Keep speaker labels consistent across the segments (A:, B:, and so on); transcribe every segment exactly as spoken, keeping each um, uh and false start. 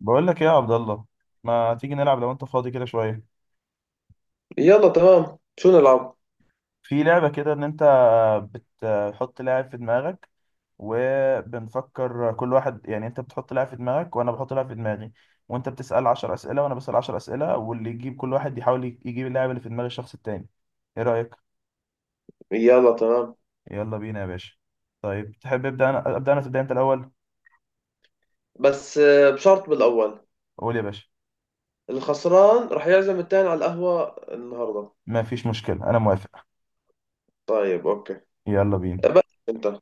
A: بقول لك ايه يا عبد الله؟ ما تيجي نلعب لو انت فاضي كده شويه؟
B: يلا تمام شو نلعب
A: في لعبه كده ان انت بتحط لاعب في دماغك، وبنفكر كل واحد، يعني انت بتحط لاعب في دماغك وانا بحط لاعب في دماغي، وانت بتسال عشرة أسئلة اسئله وانا بسال عشرة أسئلة اسئله، واللي يجيب كل واحد يحاول يجيب اللاعب اللي في دماغ الشخص التاني. ايه رايك؟
B: يلا تمام
A: يلا بينا يا باشا. طيب تحب ابدا انا ابدا انا تبدا انت الاول؟
B: بس آه، بشرط بالأول.
A: قول يا باشا.
B: الخسران رح يعزم التاني على القهوة النهاردة.
A: ما فيش مشكله، انا موافق.
B: طيب أوكي
A: يلا بينا.
B: بس أنت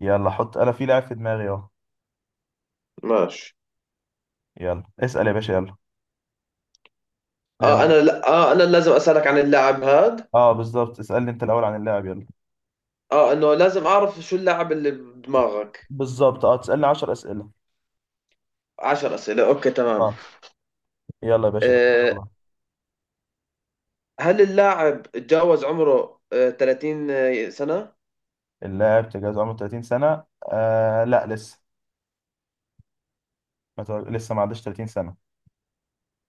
A: يلا حط انا في لاعب في دماغي اهو.
B: ماشي.
A: يلا اسال يا باشا يلا.
B: آه
A: يلا.
B: أنا لا، آه أنا لازم أسألك عن اللاعب هاد.
A: اه بالظبط، اسألني انت الأول عن اللاعب يلا.
B: آه إنه لازم أعرف شو اللاعب اللي بدماغك.
A: بالظبط، اه، تسألني 10 أسئلة.
B: عشر أسئلة أوكي تمام.
A: اه. يلا يا باشا تبارك
B: آه
A: الله.
B: هل اللاعب تجاوز عمره آه ثلاثين سنة؟
A: اللاعب تجاوز عمره 30 سنة؟ آه لا لسه. ما تع- لسه ما عداش 30 سنة.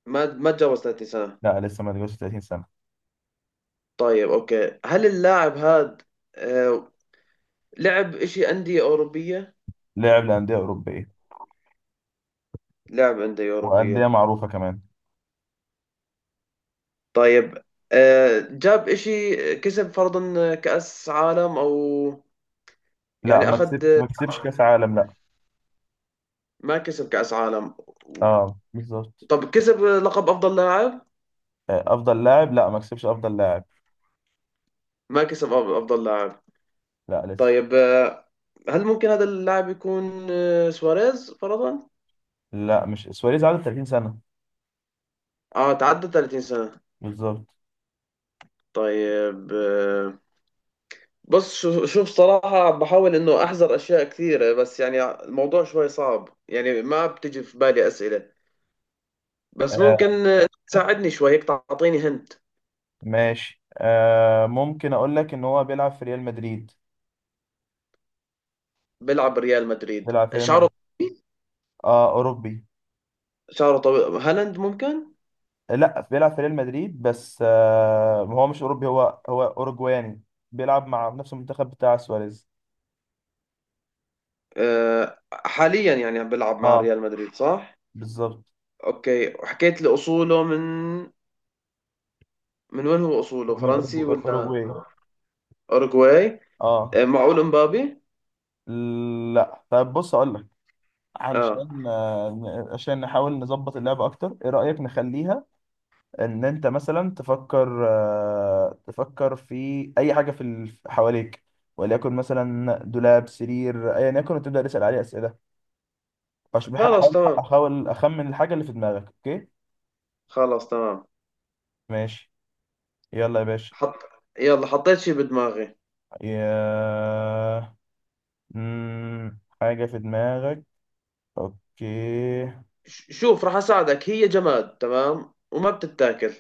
B: ما ما تجاوز ثلاثين سنة.
A: لا لسه ما تجاوزش 30 سنة.
B: طيب أوكي، هل اللاعب هاد آه لعب إشي أندية أوروبية؟
A: لاعب لأندية أوروبية،
B: لعب
A: وأندية
B: اندوأوروبية.
A: معروفة كمان.
B: طيب، آه، جاب إشي كسب فرضا كأس عالم أو
A: لا،
B: يعني
A: ما كسب،
B: أخذ؟
A: ما كسبش كأس عالم، لا.
B: ما كسب كأس عالم.
A: اه بالظبط.
B: طب كسب لقب أفضل لاعب؟
A: آه أفضل لاعب، لا ما كسبش أفضل لاعب.
B: ما كسب أف- أفضل لاعب.
A: لا لسه.
B: طيب آه، هل ممكن هذا اللاعب يكون آه، سواريز فرضا؟
A: لا مش سواريز، عدى 30 سنة.
B: آه تعدى ثلاثين سنة.
A: بالظبط.
B: طيب آه، بص، شو- شوف صراحة عم بحاول إنه أحذر أشياء كثيرة، بس يعني الموضوع شوي صعب، يعني ما بتجي في بالي أسئلة. بس ممكن
A: آه
B: آه، تساعدني شوي هيك تعطيني هنت.
A: ماشي. آه ممكن أقول لك إن هو بيلعب في ريال مدريد.
B: بيلعب بريال مدريد،
A: بيلعب في ريال مدريد.
B: شعره طويل.
A: اه اوروبي.
B: شعره طويل، هالاند ممكن؟
A: لا، بيلعب في ريال مدريد بس آه هو مش اوروبي، هو هو اوروجواني. بيلعب مع نفس المنتخب بتاع سواريز.
B: آه، حاليا يعني عم بيلعب مع
A: اه
B: ريال مدريد صح؟
A: بالظبط.
B: اوكي، وحكيت لي اصوله من، من وين هو؟
A: هو
B: اصوله
A: من
B: فرنسي
A: أورجو-
B: ولا
A: اوروجواي.
B: اوروغواي؟
A: اه.
B: آه، معقول امبابي؟
A: لا طيب، بص اقول لك.
B: اه
A: علشان، آه، عشان نحاول نظبط اللعبة اكتر، ايه رأيك نخليها ان انت مثلا تفكر، آه تفكر في اي حاجة في ال- حواليك، وليكن مثلا دولاب، سرير، ايا يكن، وتبدأ تسأل عليه أسئلة. أش- بح-
B: خلاص
A: هحاول
B: تمام.
A: احاول اخمن الحاجه اللي في دماغك، اوكي؟
B: خلاص تمام.
A: ماشي. يلا يا باشا.
B: حط، يلا حطيت شي بدماغي.
A: يا مم... حاجه في دماغك، اوكي.
B: ش- شوف راح اساعدك، هي جماد تمام وما بتتاكل.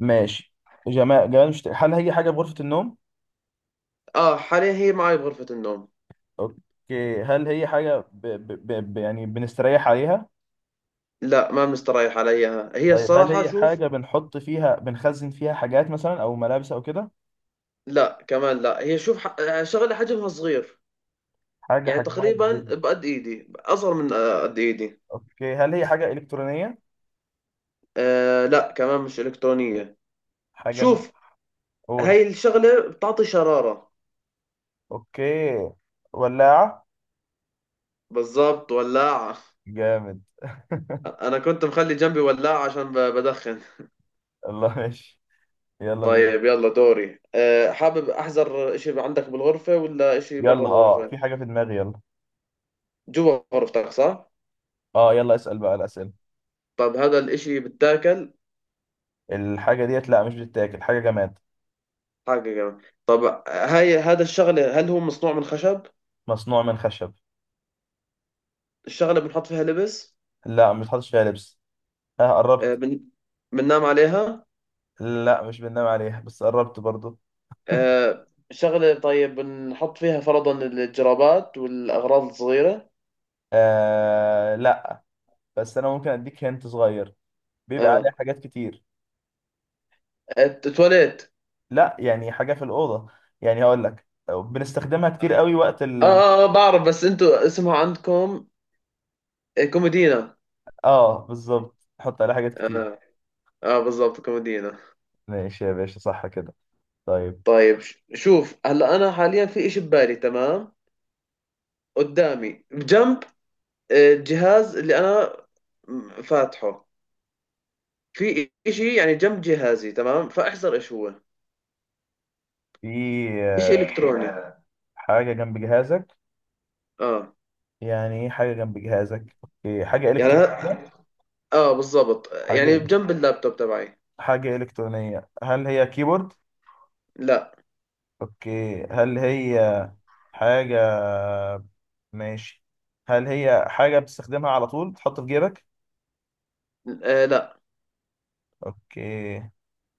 A: ماشي. جمال جمال مش، هل هي حاجه في غرفه النوم؟
B: اه حاليا هي معي بغرفة النوم.
A: اوكي، هل هي حاجه ب... ب... ب... ب... يعني بنستريح عليها؟
B: لا ما مستريح عليها، هي
A: طيب، هل
B: الصراحة
A: هي
B: شوف.
A: حاجه بنحط فيها، بنخزن فيها حاجات مثلا او ملابس او كده؟
B: لا كمان لا، هي شوف ح- شغلة حجمها صغير.
A: حاجه
B: يعني
A: حجمها
B: تقريبا
A: كبير.
B: بقد ايدي، اصغر من آه، قد ايدي.
A: اوكي، هل هي حاجه الكترونيه؟
B: آه لا كمان مش الكترونية.
A: حاجه مش.
B: شوف،
A: قول.
B: هاي الشغلة بتعطي شرارة.
A: اوكي. ولاعه.
B: بالضبط ولاعة.
A: جامد.
B: انا كنت مخلي جنبي ولاعة عشان ب- بدخن.
A: الله ماشي. يلا بينا.
B: طيب يلا دوري. آه حابب احذر اشي عندك بالغرفة ولا اشي برا
A: يلا اه،
B: الغرفة؟
A: في حاجة في دماغي، يلا.
B: جوا غرفتك صح؟
A: اه، يلا اسأل بقى الأسئلة.
B: طب هذا الاشي بتاكل؟
A: الحاجة ديت، لا مش بتتاكل، حاجة جماد.
B: حاجة جميلة. طب هاي هذا الشغل هل هو مصنوع من خشب؟
A: مصنوع من خشب.
B: الشغلة بنحط فيها لبس؟
A: لا ما بتحطش فيها لبس. اه،
B: آه،
A: قربت.
B: بن بننام عليها؟
A: لا مش بننام عليها، بس قربت برضو.
B: آه، شغلة طيب بنحط فيها فرضا الجرابات والأغراض الصغيرة؟
A: آه لا. بس انا ممكن اديك هنت صغير، بيبقى عليها
B: اه
A: حاجات كتير.
B: الت- التواليت؟
A: لا، يعني حاجة في الأوضة، يعني هقول لك بنستخدمها كتير قوي وقت
B: اه
A: ال.
B: اه، آه، بعرف بس انتوا اسمها عندكم آه، كومودينا.
A: اه بالظبط، نحط عليها حاجات كتير.
B: اه اه بالضبط كومودينا.
A: ماشي يا باشا، صح كده؟ طيب.
B: طيب ش- شوف هلا انا حاليا في اشي ببالي تمام قدامي بجنب آه، الجهاز اللي انا م- فاتحه، في إشي يعني جنب جهازي تمام فاحذر إيش هو.
A: في
B: إشي
A: آه،
B: إلكتروني.
A: حاجة جنب جهازك.
B: آه
A: يعني ايه حاجة جنب جهازك، اوكي، حاجة
B: يعني
A: إلكترونية.
B: ه- آه بالضبط، يعني
A: حاجة
B: بجنب اللابتوب تبعي.
A: حاجة إلكترونية، هل هي كيبورد؟
B: لا.
A: اوكي، هل هي حاجة؟ ماشي. هل هي حاجة بتستخدمها على طول، تحط في جيبك؟
B: آه لا.
A: اوكي.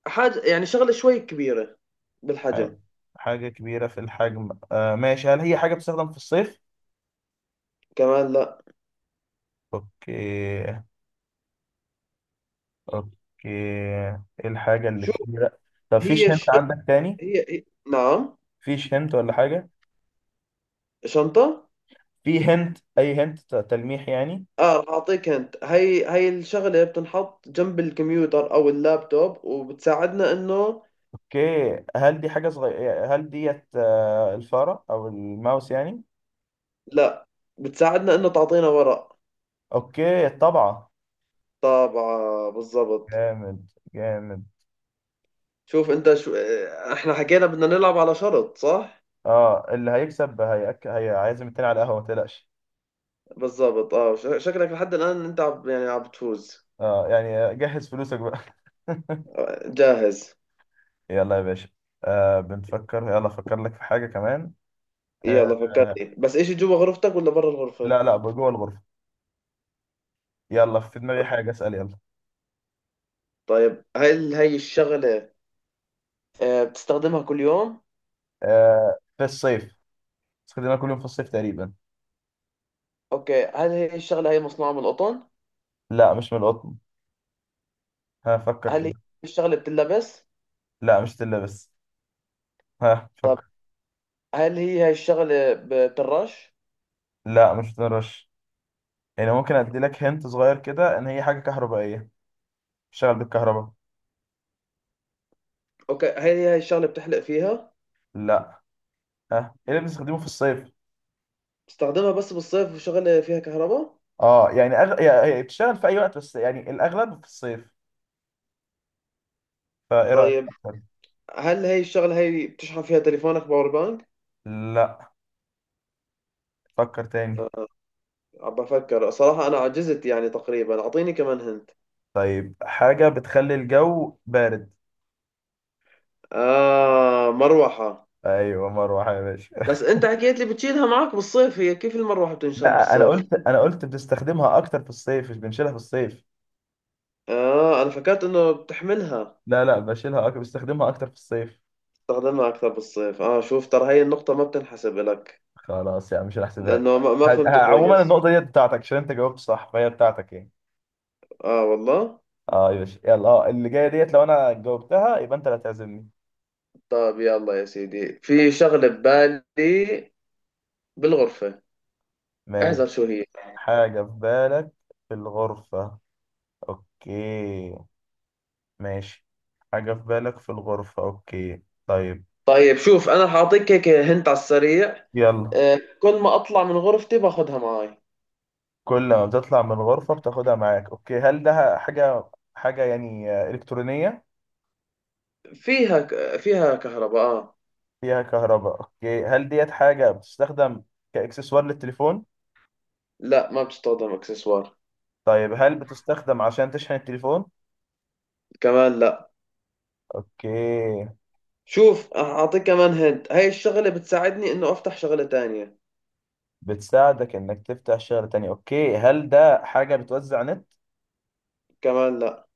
B: حاجة يعني شغلة شوي كبيرة
A: ح-
B: بالحجم.
A: حاجة كبيرة في الحجم، آه ماشي. هل هي حاجة بتستخدم في الصيف؟
B: كمان لا.
A: اوكي. اوكي. ايه الحاجة اللي
B: شو
A: كبيرة؟ طب
B: هي
A: فيش هنت
B: الشغلة؟
A: عندك تاني؟
B: هي هي- نعم،
A: فيش هنت ولا حاجة؟
B: شنطة.
A: في هنت، اي هنت، ت- تلميح يعني.
B: اه رح اعطيك انت، هي هي الشغلة بتنحط جنب الكمبيوتر او اللابتوب وبتساعدنا انه.
A: اوكي، هل دي حاجة صغيرة؟ هل ديت آه، الفارة او الماوس يعني؟
B: لا، بتساعدنا انه تعطينا ورق.
A: اوكي طبعا.
B: طابعة بالضبط.
A: جامد. جامد.
B: شوف انت شو، اه، احنا حكينا بدنا نلعب على شرط صح؟
A: اه، اللي هيكسب هيأك... هيعزم التاني على القهوة، ما تقلقش.
B: بالضبط. اه ش- شكلك لحد الان انت عب، يعني عم بتفوز.
A: اه يعني جهز فلوسك بقى.
B: اه، جاهز.
A: يلا يا باشا. آه بنفكر، يلا افكر لك في حاجة كمان. آه
B: يلا
A: آه،
B: فكرني بس، ايش جوا غرفتك ولا برا
A: لا
B: الغرفة؟
A: لا، جوه الغرفة. يلا في دماغي حاجة، اسأل يلا.
B: طيب هل هي الشغلة اه، بتستخدمها كل يوم؟
A: آه في الصيف. استخدمها كل يوم في الصيف تقريبا.
B: اوكي هل هي الشغلة هي مصنوعة من القطن؟
A: لا مش من القطن. هفكر
B: هل هي
A: كده.
B: الشغلة بتلبس؟
A: لا مش تلبس. ها
B: طب
A: فكر.
B: هل هي هاي الشغلة بترش؟
A: لا مش بتنرش. يعني ممكن ادي لك هنت صغير كده، ان هي حاجه كهربائيه، بتشتغل بالكهرباء.
B: اوكي هل هي هاي الشغلة بتحلق فيها؟
A: لا. ها. ايه اللي بنستخدمه في الصيف؟
B: بتستخدمها بس بالصيف وشغلة فيها كهرباء؟
A: اه يعني أغ... يعني بتشتغل في اي وقت، بس يعني الاغلب في الصيف. فايه رايك
B: طيب
A: أكتر؟
B: هل هي الشغلة هي بتشحن فيها تليفونك، باور بانك؟
A: لا، فكر تاني.
B: عم بفكر صراحة، أنا عجزت يعني تقريبا، أعطيني كمان هنت.
A: طيب، حاجه بتخلي الجو بارد.
B: آه مروحة.
A: ايوه، مروحه يا باشا.
B: بس أنت حكيت لي بتشيلها معك بالصيف، هي كيف المروحة بتنشال
A: لا، انا
B: بالصيف؟
A: قلت، انا قلت بتستخدمها اكتر في الصيف، مش بنشيلها في الصيف.
B: آه أنا فكرت إنه بتحملها.
A: لا لا، بشيلها أكتر، بستخدمها اكتر في الصيف.
B: بتستخدمها أكثر بالصيف. آه شوف ترى هي النقطة ما بتنحسب لك،
A: خلاص، يعني مش هحسبها لك.
B: لأنه ما ما
A: ه-
B: فهمت
A: ه- عموما
B: كويس.
A: النقطة دي بتاعتك، عشان انت جاوبت صح فهي بتاعتك يعني.
B: آه والله.
A: اه يا باشا يلا، اه اللي جايه ديت لو انا جاوبتها يبقى انت اللي هتعزمني.
B: طيب يلا يا سيدي، في شغلة ببالي بالغرفة،
A: ماشي.
B: احذر شو هي.
A: حاجه في بالك في الغرفه، اوكي. ماشي. حاجه في بالك في الغرفه، اوكي طيب.
B: طيب شوف أنا حاعطيك هيك هنت على السريع،
A: يلا.
B: آه، كل ما اطلع من غرفتي باخذها معاي.
A: كل ما بتطلع من الغرفه بتاخدها معاك. اوكي، هل ده حاجه، حاجه يعني آه، الكترونيه؟
B: فيها ك- فيها كهرباء آه.
A: فيها كهرباء. اوكي، هل ديت حاجه بتستخدم كاكسسوار للتليفون؟
B: لا ما بتستخدم اكسسوار.
A: طيب، هل بتستخدم عشان تشحن التليفون؟
B: كمان لا.
A: اوكي.
B: شوف اعطيك كمان هنت، هاي الشغله بتساعدني انه افتح شغله تانية.
A: بتساعدك انك تفتح شغل تاني. اوكي، هل ده حاجة بتوزع نت؟
B: كمان لا.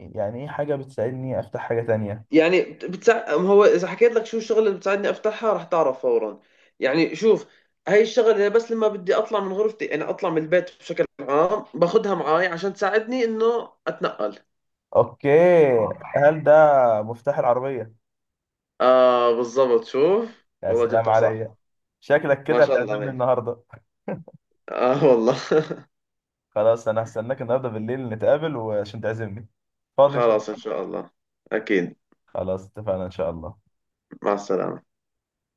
A: يعني ايه حاجة بتساعدني افتح حاجة تانية؟
B: يعني بتساعد، هو اذا حكيت لك شو الشغله اللي بتساعدني افتحها رح تعرف فورا، يعني شوف، هاي الشغله بس لما بدي اطلع من غرفتي انا اطلع من البيت بشكل عام باخذها معاي عشان تساعدني انه اتنقل.
A: اوكي. هل ده مفتاح العربية؟
B: اه بالضبط شوف.
A: يا
B: والله
A: سلام
B: جبتها
A: عليا.
B: صح.
A: شكلك
B: ما
A: كده
B: شاء الله
A: هتعزمني
B: عليك.
A: النهاردة.
B: اه والله
A: خلاص، انا هستناك النهاردة بالليل نتقابل وعشان تعزمني. فاضي ان شاء
B: خلاص إن
A: الله.
B: شاء الله، أكيد.
A: خلاص اتفقنا ان شاء الله.
B: مع السلامة.